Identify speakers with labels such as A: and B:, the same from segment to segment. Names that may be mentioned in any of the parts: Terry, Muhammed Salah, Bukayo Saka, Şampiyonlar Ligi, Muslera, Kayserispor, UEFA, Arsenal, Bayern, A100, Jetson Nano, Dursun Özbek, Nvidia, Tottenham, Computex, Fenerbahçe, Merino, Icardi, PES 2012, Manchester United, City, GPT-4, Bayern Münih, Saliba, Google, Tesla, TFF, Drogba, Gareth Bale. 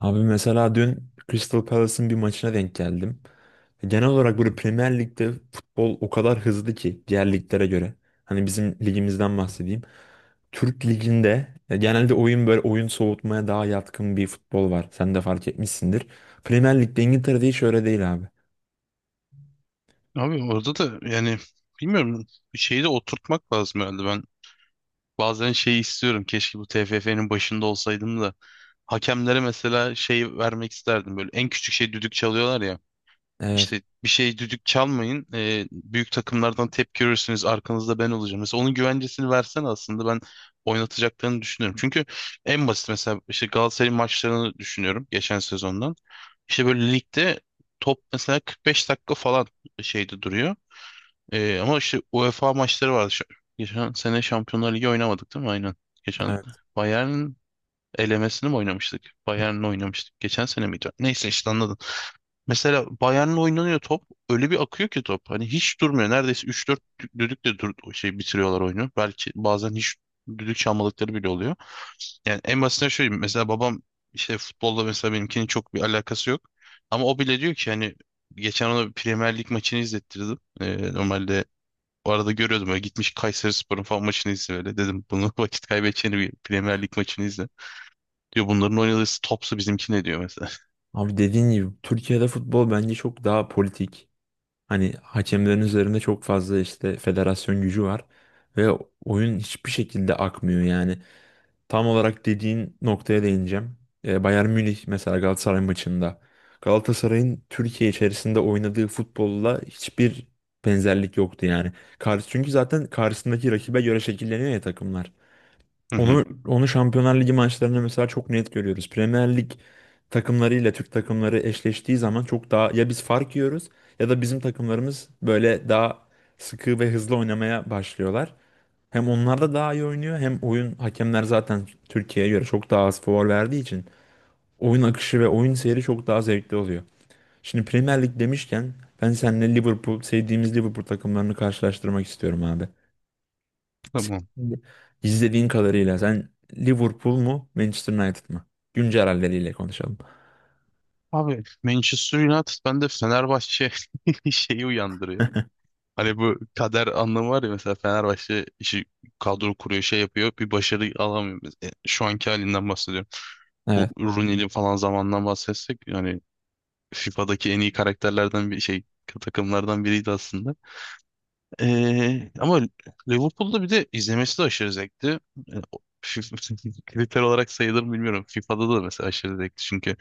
A: Abi mesela dün Crystal Palace'ın bir maçına denk geldim. Genel olarak böyle Premier Lig'de futbol o kadar hızlı ki diğer liglere göre. Hani bizim ligimizden bahsedeyim. Türk Ligi'nde genelde oyun böyle oyun soğutmaya daha yatkın bir futbol var. Sen de fark etmişsindir. Premier Lig'de İngiltere'de hiç öyle değil abi.
B: Abi orada da yani bilmiyorum bir şeyi de oturtmak lazım herhalde. Ben bazen şeyi istiyorum. Keşke bu TFF'nin başında olsaydım da hakemlere mesela şey vermek isterdim. Böyle en küçük şey düdük çalıyorlar ya.
A: Evet,
B: İşte bir şey düdük çalmayın. Büyük takımlardan tepki görürsünüz. Arkanızda ben olacağım. Mesela onun güvencesini versen aslında ben oynatacaklarını düşünüyorum. Çünkü en basit mesela işte Galatasaray'ın maçlarını düşünüyorum geçen sezondan. İşte böyle ligde top mesela 45 dakika falan şeyde duruyor. Ama işte UEFA maçları vardı. Geçen sene Şampiyonlar Ligi oynamadık değil mi? Aynen. Geçen
A: evet.
B: Bayern'in elemesini mi oynamıştık? Bayern'le oynamıştık. Geçen sene miydi? Neyse işte anladın. Mesela Bayern'le oynanıyor top. Öyle bir akıyor ki top. Hani hiç durmuyor. Neredeyse üç dört düdükle dur şey bitiriyorlar oyunu. Belki bazen hiç düdük çalmadıkları bile oluyor. Yani en basitinden şöyle diyeyim. Mesela babam işte futbolda mesela benimkinin çok bir alakası yok. Ama o bile diyor ki hani geçen ona bir Premier Lig maçını izlettirdim. Normalde o arada görüyordum öyle gitmiş Kayserispor'un falan maçını izle öyle. Dedim bunu vakit kaybedeceğini bir Premier Lig maçını izle. Diyor bunların oynadığı topsu bizimki ne diyor mesela.
A: Abi dediğin gibi Türkiye'de futbol bence çok daha politik. Hani hakemlerin üzerinde çok fazla işte federasyon gücü var ve oyun hiçbir şekilde akmıyor yani. Tam olarak dediğin noktaya değineceğim. Bayern Münih mesela Galatasaray maçında Galatasaray'ın Türkiye içerisinde oynadığı futbolla hiçbir benzerlik yoktu yani. Karşı, çünkü zaten karşısındaki rakibe göre şekilleniyor ya takımlar.
B: Hı hı.
A: Onu Şampiyonlar Ligi maçlarında mesela çok net görüyoruz. Premier Lig takımlarıyla Türk takımları eşleştiği zaman çok daha ya biz fark yiyoruz ya da bizim takımlarımız böyle daha sıkı ve hızlı oynamaya başlıyorlar. Hem onlar da daha iyi oynuyor hem oyun hakemler zaten Türkiye'ye göre çok daha az faul verdiği için oyun akışı ve oyun seyri çok daha zevkli oluyor. Şimdi Premier Lig demişken ben seninle Liverpool sevdiğimiz Liverpool takımlarını karşılaştırmak istiyorum abi.
B: Tamam.
A: Şimdi İzlediğin kadarıyla sen Liverpool mu Manchester United mı? Güncel halleriyle konuşalım.
B: Abi Manchester United bende Fenerbahçe şeyi uyandırıyor. Hani bu kader anlamı var ya mesela Fenerbahçe işi kadro kuruyor şey yapıyor bir başarı alamıyor. Mesela, şu anki halinden bahsediyorum. Bu
A: Evet,
B: Rooney'li falan zamandan bahsetsek yani FIFA'daki en iyi karakterlerden bir şey takımlardan biriydi aslında. Ama Liverpool'da bir de izlemesi de aşırı zevkti. Ee, o- Kriter olarak sayılır mı bilmiyorum. FIFA'da da mesela aşırı zevkti. Çünkü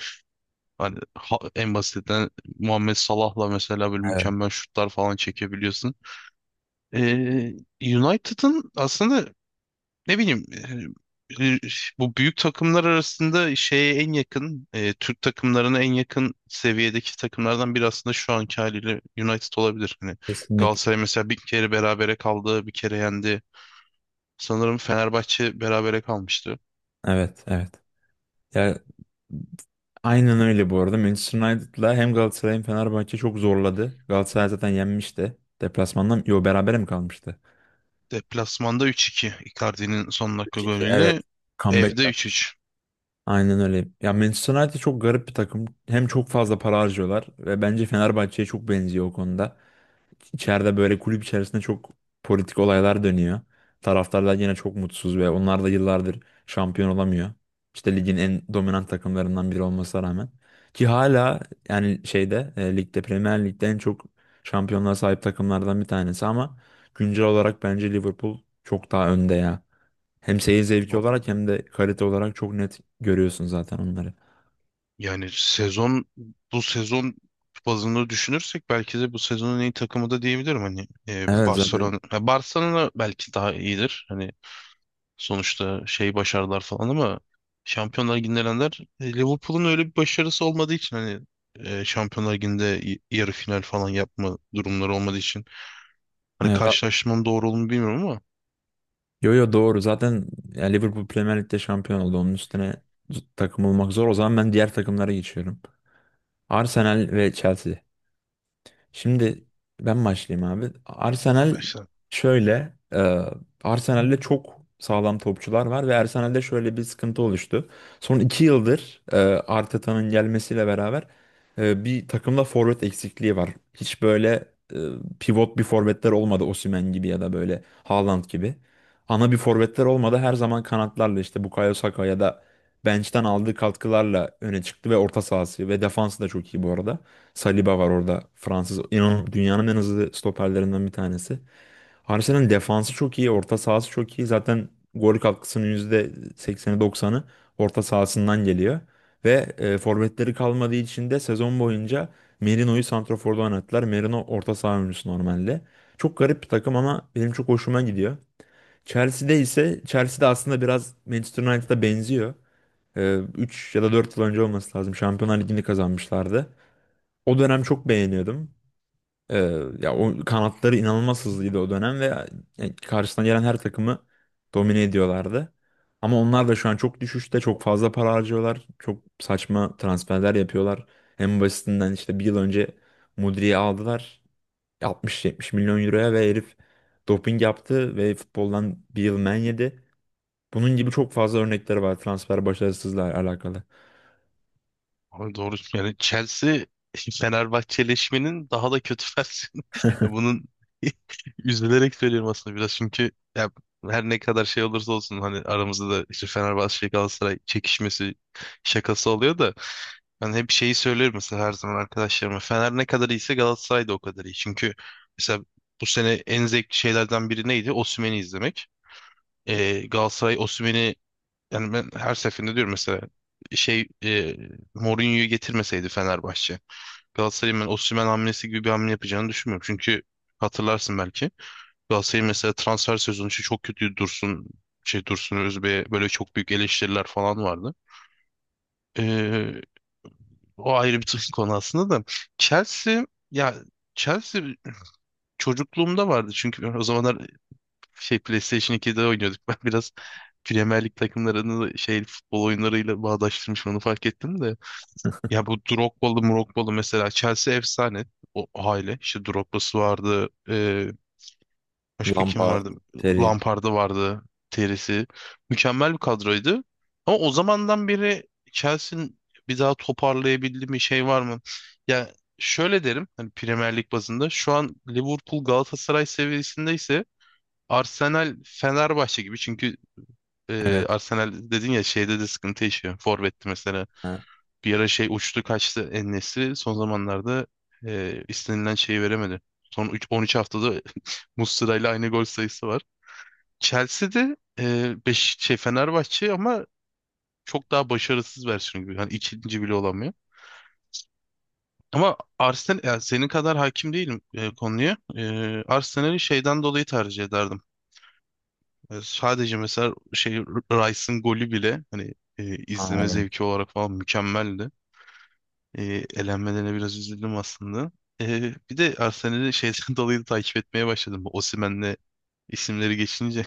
B: hani en basitinden Muhammed Salah'la mesela böyle
A: evet.
B: mükemmel şutlar falan çekebiliyorsun. Ee, United'ın aslında ne bileyim e, e, bu büyük takımlar arasında şeye en yakın Türk takımlarına en yakın seviyedeki takımlardan biri aslında şu anki haliyle United olabilir. Hani
A: Kesinlikle.
B: Galatasaray mesela bir kere berabere kaldı, bir kere yendi. Sanırım Fenerbahçe berabere kalmıştı.
A: Evet, evet. Ya aynen öyle bu arada. Manchester United'la hem Galatasaray hem Fenerbahçe çok zorladı. Galatasaray zaten yenmişti. Deplasmandan yo berabere mi kalmıştı?
B: Deplasmanda 3-2 Icardi'nin son dakika
A: 3-2 evet.
B: golüyle
A: Comeback
B: evde
A: yaptı.
B: 3-3.
A: Aynen öyle. Ya Manchester United çok garip bir takım. Hem çok fazla para harcıyorlar ve bence Fenerbahçe'ye çok benziyor o konuda. İçeride böyle kulüp içerisinde çok politik olaylar dönüyor. Taraftarlar yine çok mutsuz ve onlar da yıllardır şampiyon olamıyor. İşte ligin en dominant takımlarından biri olmasına rağmen. Ki hala yani şeyde ligde Premier Lig'de en çok şampiyonluğa sahip takımlardan bir tanesi ama güncel olarak bence Liverpool çok daha önde ya. Hem seyir zevki olarak hem de kalite olarak çok net görüyorsun zaten onları.
B: Yani sezon bu sezon bazında düşünürsek belki de bu sezonun en iyi takımı da diyebilirim hani
A: Evet zaten.
B: Barcelona Barcelona belki daha iyidir. Hani sonuçta şey başarılar falan ama Şampiyonlar Ligi'nde elenenler Liverpool'un öyle bir başarısı olmadığı için hani Şampiyonlar Ligi'nde yarı final falan yapma durumları olmadığı için hani
A: Evet,
B: karşılaştırmanın doğru olduğunu bilmiyorum ama
A: yo yo doğru. Zaten ya Liverpool Premier Lig'de şampiyon oldu. Onun üstüne takım olmak zor. O zaman ben diğer takımlara geçiyorum. Arsenal ve Chelsea. Şimdi ben başlayayım abi. Arsenal
B: işte.
A: şöyle, Arsenal'de çok sağlam topçular var ve Arsenal'de şöyle bir sıkıntı oluştu. Son iki yıldır Arteta'nın gelmesiyle beraber bir takımda forvet eksikliği var. Hiç böyle e, pivot bir forvetler olmadı Osimhen gibi ya da böyle Haaland gibi. Ana bir forvetler olmadı. Her zaman kanatlarla işte Bukayo Saka ya da bench'ten aldığı katkılarla öne çıktı ve orta sahası ve defansı da çok iyi bu arada. Saliba var orada Fransız. İnanın dünyanın en hızlı stoperlerinden bir tanesi. Arsenal'in defansı çok iyi, orta sahası çok iyi. Zaten gol katkısının %80'i %90'ı orta sahasından geliyor. Ve forvetleri kalmadığı için de sezon boyunca Merino'yu santraforda oynattılar. Merino orta saha oyuncusu normalde. Çok garip bir takım ama benim çok hoşuma gidiyor. Chelsea'de ise Chelsea'de aslında biraz Manchester United'a benziyor. 3 ya da 4 yıl önce olması lazım. Şampiyonlar Ligi'ni kazanmışlardı. O dönem çok beğeniyordum. Ee, ya o kanatları inanılmaz hızlıydı o dönem ve yani karşısına gelen her takımı domine ediyorlardı. Ama onlar da şu an çok düşüşte, çok fazla para harcıyorlar. Çok saçma transferler yapıyorlar. En basitinden işte bir yıl önce Mudri'yi aldılar 60-70 milyon euroya ve herif doping yaptı ve futboldan bir yıl men yedi. Bunun gibi çok fazla örnekleri var transfer başarısızlıkla alakalı.
B: Abi doğru yani Chelsea Fenerbahçeleşmenin daha da kötü. Ya bunun üzülerek söylüyorum aslında biraz çünkü ya her ne kadar şey olursa olsun hani aramızda da işte Fenerbahçe şey Galatasaray çekişmesi şakası oluyor da ben hep şeyi söylüyorum mesela her zaman arkadaşlarıma Fener ne kadar iyiyse Galatasaray da o kadar iyi. Çünkü mesela bu sene en zevkli şeylerden biri neydi? Osimhen'i izlemek. Galatasaray Osimhen'i yani ben her seferinde diyorum mesela şey Mourinho'yu getirmeseydi Fenerbahçe Galatasaray'ın ben Osimhen hamlesi gibi bir hamle yapacağını düşünmüyorum. Çünkü hatırlarsın belki. Galatasaray'ın mesela transfer sezonu için çok kötü Dursun şey Dursun Özbek'e böyle çok büyük eleştiriler falan vardı. Ee, O ayrı bir konu aslında da. Chelsea ya Chelsea çocukluğumda vardı çünkü o zamanlar şey PlayStation 2'de oynuyorduk. Ben biraz Premier Lig takımlarını şey futbol oyunlarıyla bağdaştırmışım onu fark ettim de. Ya bu Drogba'lı Mrogba'lı mesela Chelsea efsane o aile. İşte Drogba'sı vardı. Başka kim
A: Lampard,
B: vardı?
A: Terry.
B: Lampard'ı vardı. Terisi. Mükemmel bir kadroydu. Ama o zamandan beri Chelsea'nin bir daha toparlayabildiği bir şey var mı? Ya şöyle derim hani Premier Lig bazında şu an Liverpool Galatasaray seviyesinde ise Arsenal Fenerbahçe gibi çünkü
A: Evet.
B: Arsenal dedin ya şeyde de sıkıntı yaşıyor. Forvet'ti mesela.
A: Ha,
B: Bir ara şey uçtu kaçtı en son zamanlarda istenilen şeyi veremedi. Son 13 haftada Muslera ile aynı gol sayısı var. Chelsea'de beş, şey Fenerbahçe ama çok daha başarısız versiyonu gibi. Yani ikinci bile olamıyor. Ama Arsenal yani senin kadar hakim değilim konuya. Arsenal'i şeyden dolayı tercih ederdim. Sadece mesela şey Rice'ın golü bile hani izleme
A: ha,
B: zevki olarak falan mükemmeldi. E, Elenmelerine biraz üzüldüm aslında. Bir de Arsenal'i şeyden dolayı da takip etmeye başladım. Bu Osimhen'le isimleri geçince.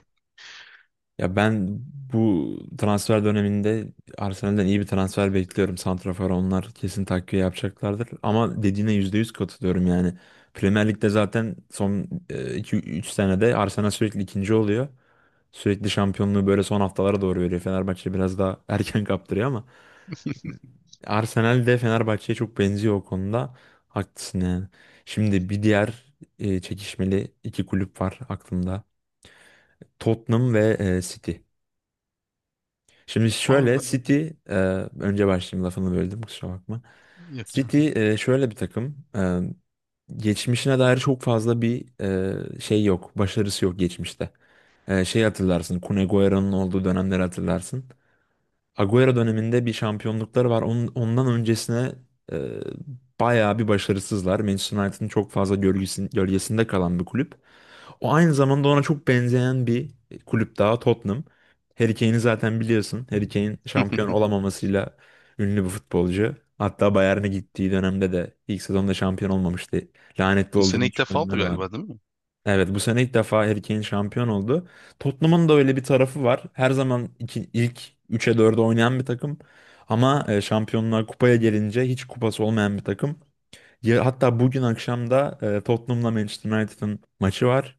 A: ya ben bu transfer döneminde Arsenal'den iyi bir transfer bekliyorum. Santrafor onlar kesin takviye yapacaklardır. Ama dediğine %100 katılıyorum yani. Premier Lig'de zaten son iki üç senede Arsenal sürekli ikinci oluyor. Sürekli şampiyonluğu böyle son haftalara doğru veriyor. Fenerbahçe biraz daha erken kaptırıyor ama Arsenal de Fenerbahçe'ye çok benziyor o konuda. Haklısın yani. Şimdi bir diğer çekişmeli iki kulüp var aklımda. Tottenham ve City. Şimdi
B: Abi
A: şöyle
B: ben
A: Önce başlayayım lafını böldüm kusura bakma.
B: yapacağım.
A: City şöyle bir takım. Geçmişine dair çok fazla bir şey yok. Başarısı yok geçmişte. Şey hatırlarsın. Kun Agüero'nun olduğu dönemleri hatırlarsın. Agüero döneminde bir şampiyonlukları var. Onun, ondan öncesine e, bayağı bir başarısızlar. Manchester United'ın çok fazla gölgesinde kalan bir kulüp. O aynı zamanda ona çok benzeyen bir kulüp daha Tottenham. Harry Kane'i zaten biliyorsun. Harry Kane şampiyon olamamasıyla ünlü bir futbolcu. Hatta Bayern'e gittiği dönemde de ilk sezonda şampiyon olmamıştı. Lanetli
B: Bu sene
A: olduğunu
B: ilk defa
A: düşünenler
B: oldu
A: var.
B: galiba değil mi?
A: Evet bu sene ilk defa Harry Kane şampiyon oldu. Tottenham'ın da öyle bir tarafı var. Her zaman ilk üçe 4'e oynayan bir takım. Ama şampiyonlar kupaya gelince hiç kupası olmayan bir takım. Ya, hatta bugün akşam da Tottenham'la Manchester United'ın maçı var.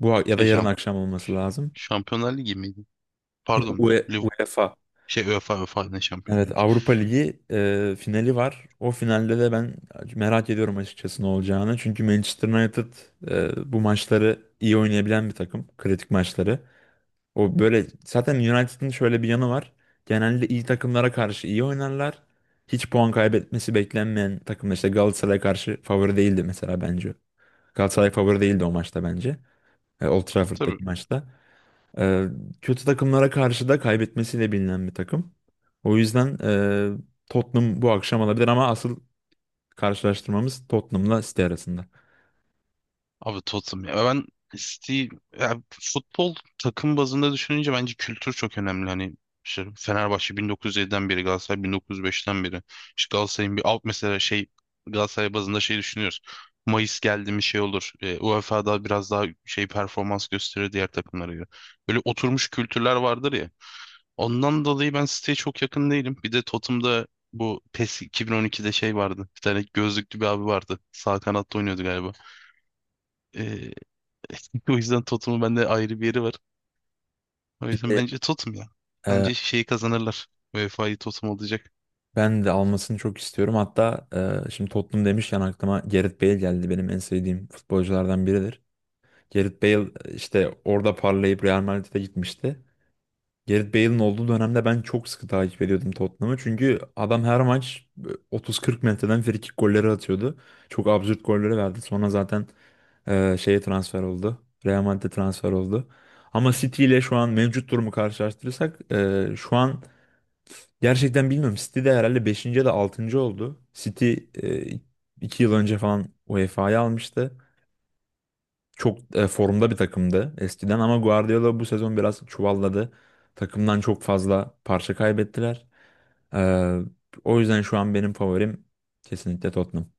A: Bu ya da
B: Şey
A: yarın akşam olması lazım.
B: Şampiyonlar Ligi miydi? Pardon.
A: UEFA.
B: Şey UEFA, UEFA ne, Şampiyonlar
A: Evet
B: Ligi.
A: Avrupa Ligi finali var. O finalde de ben merak ediyorum açıkçası ne olacağını. Çünkü Manchester United bu maçları iyi oynayabilen bir takım. Kritik maçları. O böyle zaten United'ın şöyle bir yanı var. Genelde iyi takımlara karşı iyi oynarlar. Hiç puan kaybetmesi beklenmeyen takımda işte Galatasaray'a karşı favori değildi mesela bence. Galatasaray favori değildi o maçta bence. E, Old Trafford'daki
B: Tabii
A: maçta. Ee, kötü takımlara karşı da kaybetmesiyle bilinen bir takım. O yüzden Tottenham bu akşam alabilir ama asıl karşılaştırmamız Tottenham'la City arasında.
B: abi Tottenham ya. Ben City ya futbol takım bazında düşününce bence kültür çok önemli. Hani işte Fenerbahçe 1907'den beri, Galatasaray 1905'ten beri. İşte Galatasaray'ın bir alt mesela şey Galatasaray bazında şey düşünüyoruz. Mayıs geldi mi şey olur. UEFA'da biraz daha şey performans gösterir diğer takımlara göre. Böyle oturmuş kültürler vardır ya. Ondan dolayı ben siteye çok yakın değilim. Bir de Totem'da bu PES 2012'de şey vardı. Bir tane gözlüklü bir abi vardı. Sağ kanatta oynuyordu galiba. Ee, O yüzden Totem'ın bende ayrı bir yeri var. O
A: Bir
B: yüzden
A: de
B: bence Totem ya.
A: e,
B: Bence şeyi kazanırlar. UEFA'yı Totem alacak.
A: ben de almasını çok istiyorum. Hatta şimdi Tottenham demişken aklıma Gareth Bale geldi. Benim en sevdiğim futbolculardan biridir. Gareth Bale işte orada parlayıp Real Madrid'e gitmişti. Gareth Bale'in olduğu dönemde ben çok sıkı takip ediyordum Tottenham'ı. Çünkü adam her maç 30-40 metreden frikik golleri atıyordu. Çok absürt golleri verdi. Sonra zaten şeye transfer oldu. Real Madrid'e transfer oldu. Ama City ile şu an mevcut durumu karşılaştırırsak şu an gerçekten bilmiyorum. City de herhalde beşinci ya da 6. oldu. City e, 2 yıl önce falan UEFA'yı almıştı. Çok formda bir takımdı eskiden ama Guardiola bu sezon biraz çuvalladı. Takımdan çok fazla parça kaybettiler. Ee, o yüzden şu an benim favorim kesinlikle Tottenham.